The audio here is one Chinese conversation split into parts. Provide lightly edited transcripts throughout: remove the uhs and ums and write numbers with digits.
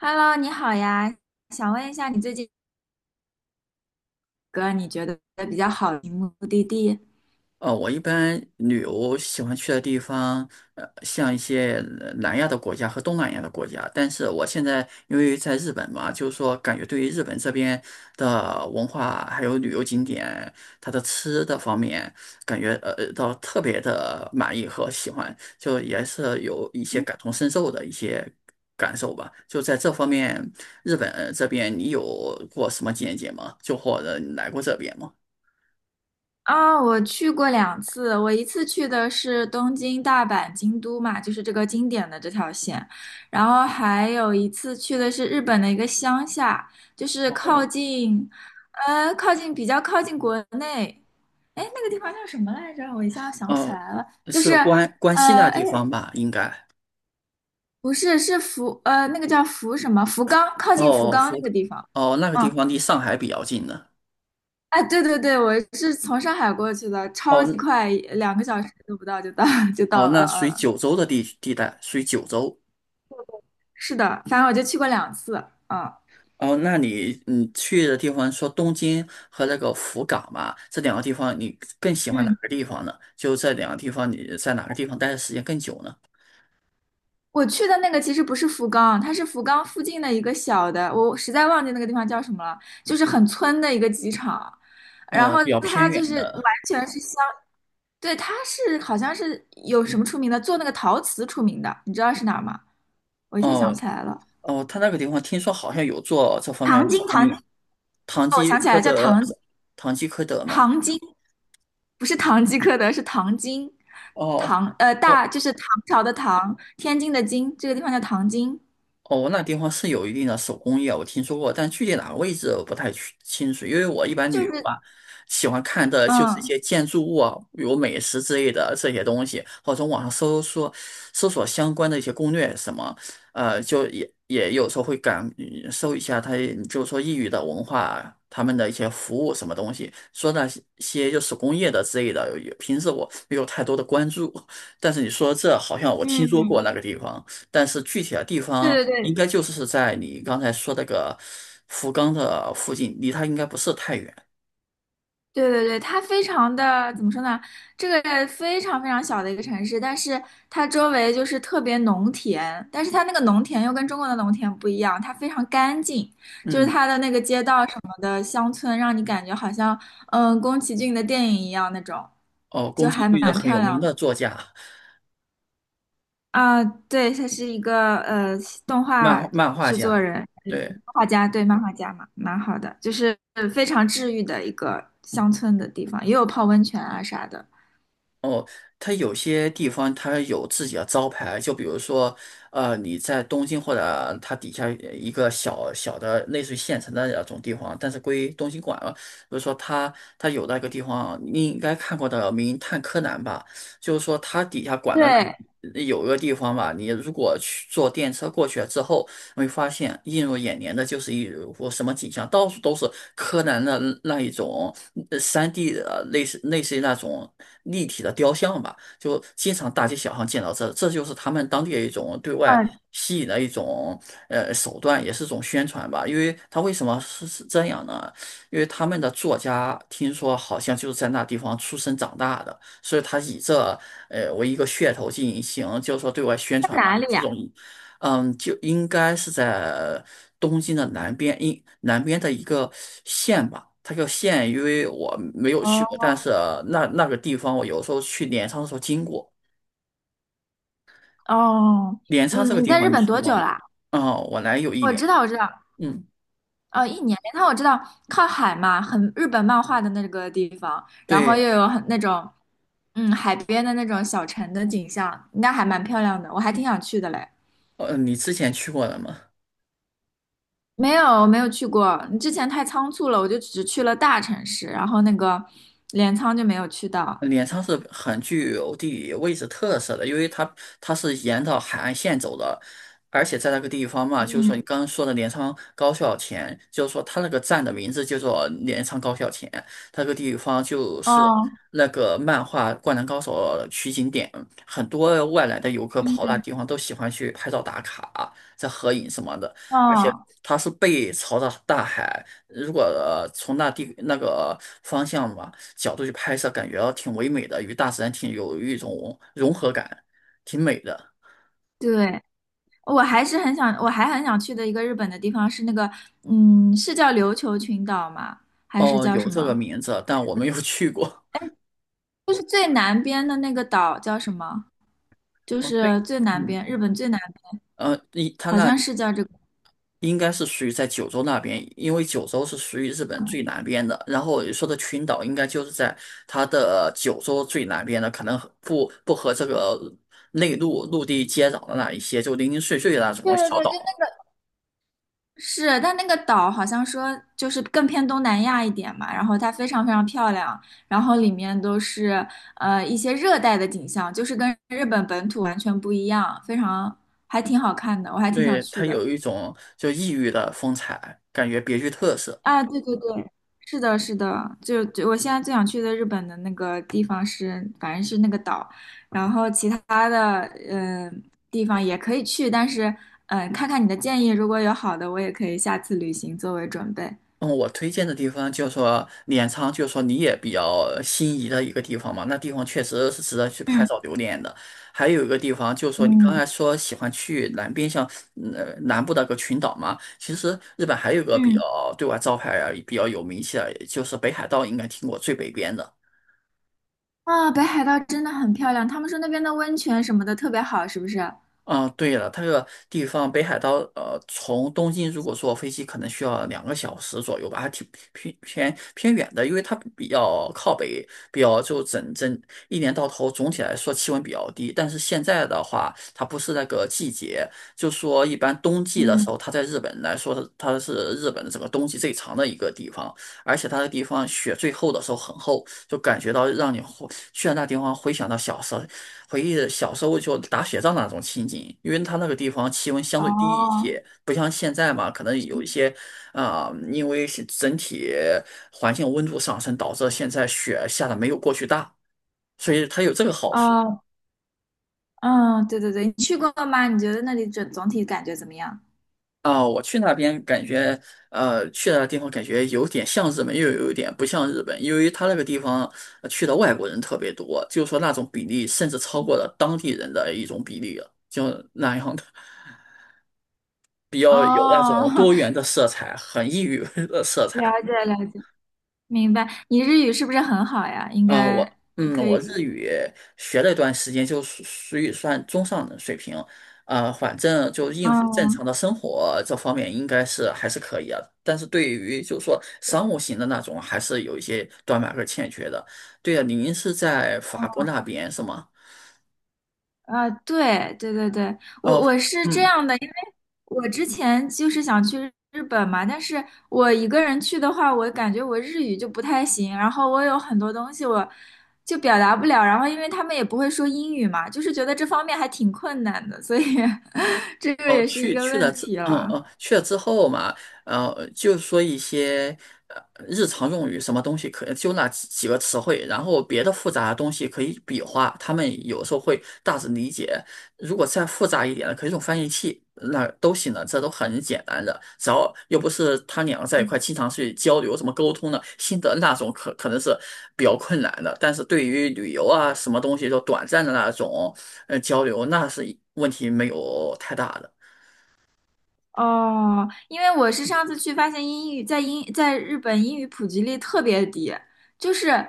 Hello，你好呀，想问一下你最近个你觉得比较好的目的地？我一般旅游喜欢去的地方，像一些南亚的国家和东南亚的国家。但是我现在因为在日本嘛，就是说感觉对于日本这边的文化还有旅游景点，它的吃的方面，感觉到特别的满意和喜欢，就也是有一些嗯感同身受的一些感受吧。就在这方面，日本这边你有过什么见解吗？就或者你来过这边吗？我去过两次，我一次去的是东京、大阪、京都嘛，就是这个经典的这条线，然后还有一次去的是日本的一个乡下，就是靠哦。近，靠近比较靠近国内，哎，那个地方叫什么来着？我一下想不起哦，来了，就是，是关西那哎，地方吧？应该。不是，是那个叫福什么？福冈，靠近福哦，冈那个地方。哦，那个地嗯，方离上海比较近的。哎，对对对，我是从上海过去的，超哦级快，两个小时都不到就到 就哦，到了。那属于嗯，九州的地带，属于九州。是的，反正我就去过两次。嗯哦，那你去的地方说东京和那个福冈嘛，这两个地方你更喜欢哪嗯。个地方呢？就这两个地方，你在哪个地方待的时间更久呢？我去的那个其实不是福冈，它是福冈附近的一个小的，我实在忘记那个地方叫什么了，就是很村的一个机场，然哦，后比较偏它就远是完的。全是相，对，它是好像是有什么出名的，做那个陶瓷出名的，你知道是哪儿吗？我一下想不哦起来了，哦，他那个地方听说好像有做这方面糖的手精，工糖精，艺，唐哦，我吉想起来诃了，叫德，糖唐吉诃德嘛。糖精，不是堂吉诃德，是糖精，哦。哦就是唐朝的唐，天津的津，这个地方叫唐津，哦，那地方是有一定的手工业，我听说过，但具体哪个位置我不太去清楚，因为我一般就旅游是吧，喜欢看的就是一嗯。些建筑物啊，比如美食之类的这些东西，或者从网上搜索相关的一些攻略什么，就也有时候会搜一下它，就是说异域的文化，他们的一些服务什么东西，说那些就手工业的之类的，平时我没有太多的关注，但是你说这好像我听说过嗯。那个地方。但是具体的地方对对应对该就是在你刚才说那个福冈的附近，离它应该不是太远。对对对，它非常的怎么说呢？这个非常小的一个城市，但是它周围就是特别农田，但是它那个农田又跟中国的农田不一样，它非常干净，就是嗯，它的那个街道什么的，乡村让你感觉好像宫崎骏的电影一样那种，哦，宫就崎还骏是蛮很漂有名亮的。的作家、啊，对，他是一个动画漫漫画制作家，人、对，漫画家，对，漫画家嘛，蛮好的，就是非常治愈的一个乡村的地方，也有泡温泉啊啥的。哦，他有些地方他有自己的招牌，就比如说，你在东京或者它底下一个小小的类似于县城的那种地方，但是归东京管了。比如说他有那个地方，你应该看过的《名探柯南》吧？就是说它底下管的对，那有一个地方吧，你如果去坐电车过去之后，你会发现映入眼帘的就是一幅什么景象，到处都是柯南的那一种 3D 的类似于那种立体的雕像吧，就经常大街小巷见到这，这就是他们当地的一种对外嗯，吸引的一种手段，也是一种宣传吧。因为他为什么是这样呢？因为他们的作家听说好像就是在那地方出生长大的，所以他以这为一个噱头进行，就是说对外宣在传嘛，哪以里这呀？种，嗯，就应该是在东京的南边，南边的一个县吧。它叫县，因为我没有去过，但哦是那个地方我有时候去镰仓的时候经过。哦，镰仓这个嗯，你地在方日你本听多久过吗？啦？嗯，我来有一我年。知道，我知道，嗯，一年。但我知道靠海嘛，很日本漫画的那个地方，然后又对，有很那种海边的那种小城的景象，那还蛮漂亮的，我还挺想去的嘞。你之前去过了吗？没有，我没有去过。你之前太仓促了，我就只去了大城市，然后那个镰仓就没有去到。镰仓是很具有地理位置特色的，因为它是沿着海岸线走的，而且在那个地方嘛，就是嗯说你刚刚说的镰仓高校前，就是说它那个站的名字叫做镰仓高校前，它那个地方就是哦，那个漫画《灌篮高手》取景点，很多外来的游客跑那嗯，地方都喜欢去拍照打卡、在合影什么的，而且哦，它是背朝着大海，如果从那个方向嘛，角度去拍摄，感觉挺唯美的，与大自然挺有一种融合感，挺美的。对，我还很想去的一个日本的地方是那个，嗯，是叫琉球群岛吗？还是哦，叫什有这个么？名字，但我没有去过。就是最南边的那个岛叫什么？就哦，是对，最南边，嗯，日本最南，一它好那像是叫这个。应该是属于在九州那边，因为九州是属于日本最南边的。然后你说的群岛，应该就是在它的九州最南边的，可能和不和这个内陆陆地接壤的那一些，就零零碎碎的那对种对小对，就。岛。是，但那个岛好像说就是更偏东南亚一点嘛，然后它非常非常漂亮，然后里面都是一些热带的景象，就是跟日本本土完全不一样，非常还挺好看的，我还挺想对，去它的。有一种就异域的风采，感觉别具特色。啊，对对对，是的，是的，就我现在最想去的日本的那个地方是，反正是那个岛，然后其他的嗯、呃地方也可以去，但是看看你的建议，如果有好的，我也可以下次旅行作为准备。嗯，我推荐的地方就是说镰仓，就是说你也比较心仪的一个地方嘛。那地方确实是值得去拍照嗯留念的。还有一个地方就是说，你刚嗯。才说喜欢去南边，像南部那个群岛嘛。其实日本还有一个比较嗯，对外招牌啊比较有名气的，就是北海道，应该听过最北边的。啊，北海道真的很漂亮，他们说那边的温泉什么的特别好，是不是？嗯，对了，它这个地方北海道，从东京如果坐飞机，可能需要2个小时左右吧，还挺偏远的，因为它比较靠北，比较就整整一年到头，总体来说气温比较低。但是现在的话，它不是那个季节，就说一般冬季的时嗯，候，它在日本来说，它是日本的整个冬季最长的一个地方，而且它的地方雪最厚的时候很厚，就感觉到让你回去了那地方，回想到小时候。回忆小时候就打雪仗那种情景，因为它那个地方气温相哦，对低一些，不像现在嘛，可能有一些啊、因为是整体环境温度上升，导致现在雪下的没有过去大，所以它有这个好处哦，嗯，对对对，你去过吗？你觉得那里整总体感觉怎么样？啊、我去那边感觉，去那个地方感觉有点像日本，又有一点不像日本，因为它那个地方去的外国人特别多，就是说那种比例甚至超过了当地人的一种比例了，就那样的。比较有那种哦，多元的色彩，很异域 的色 了彩。解了解，明白。你日语是不是很好呀？应啊、该我嗯，可我以。日语学了一段时间，就属于算中上的水平。啊。反正就应付正嗯常的生活这方面，应该是还是可以啊。但是对于就是说商务型的那种，还是有一些短板和欠缺的。对啊，您是在法国那边是吗？对对对对，哦，我是这嗯。样的，因为我之前就是想去日本嘛，但是我一个人去的话，我感觉我日语就不太行，然后我有很多东西我就表达不了，然后因为他们也不会说英语嘛，就是觉得这方面还挺困难的，所以 这个哦，也是一个问题了。去了之后嘛，就说一些呃日常用语，什么东西可就那几个词汇，然后别的复杂的东西可以比划，他们有时候会大致理解。如果再复杂一点的，可以用翻译器，那都行的，这都很简单的，只要又不是他两个在一块经常去交流怎么沟通的，新的那种可能是比较困难的，但是对于旅游啊什么东西就短暂的那种交流，那是问题没有太大的。哦，因为我是上次去发现英语在日本英语普及率特别低，就是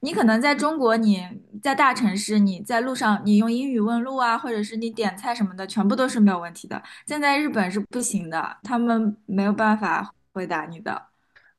你可能在中国你在大城市你在路上你用英语问路啊，或者是你点菜什么的，全部都是没有问题的。现在日本是不行的，他们没有办法回答你的，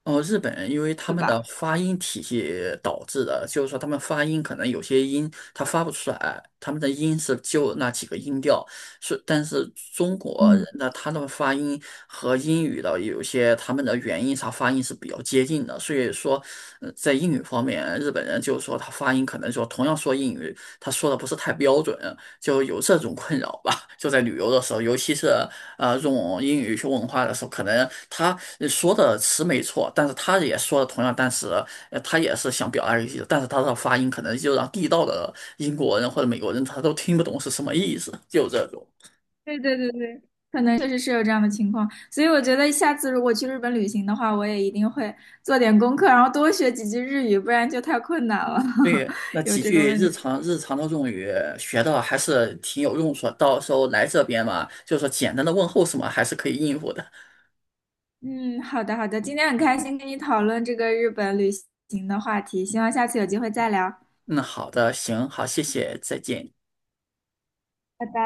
哦，日本人因为他对们的吧？发音体系导致的，就是说他们发音可能有些音他发不出来，他们的音是就那几个音调，是但是中国人嗯。的他的发音和英语的有些他们的元音啥发音是比较接近的，所以说在英语方面，日本人就是说他发音可能说同样说英语，他说的不是太标准，就有这种困扰吧，就在旅游的时候，尤其是。用英语去问话的时候，可能他说的词没错，但是他也说的同样单词，他也是想表达一思，但是他的发音可能就让地道的英国人或者美国人他都听不懂是什么意思，就这种。对对对对，可能确实是有这样的情况，所以我觉得下次如果去日本旅行的话，我也一定会做点功课，然后多学几句日语，不然就太困难了，对，那 有几这个句问日题。常日常的用语学到还是挺有用处的，到时候来这边嘛，就是说简单的问候什么还是可以应付的。嗯，好的好的，今天很开心跟你讨论这个日本旅行的话题，希望下次有机会再聊，嗯，好的，行，好，谢谢，再见。拜拜。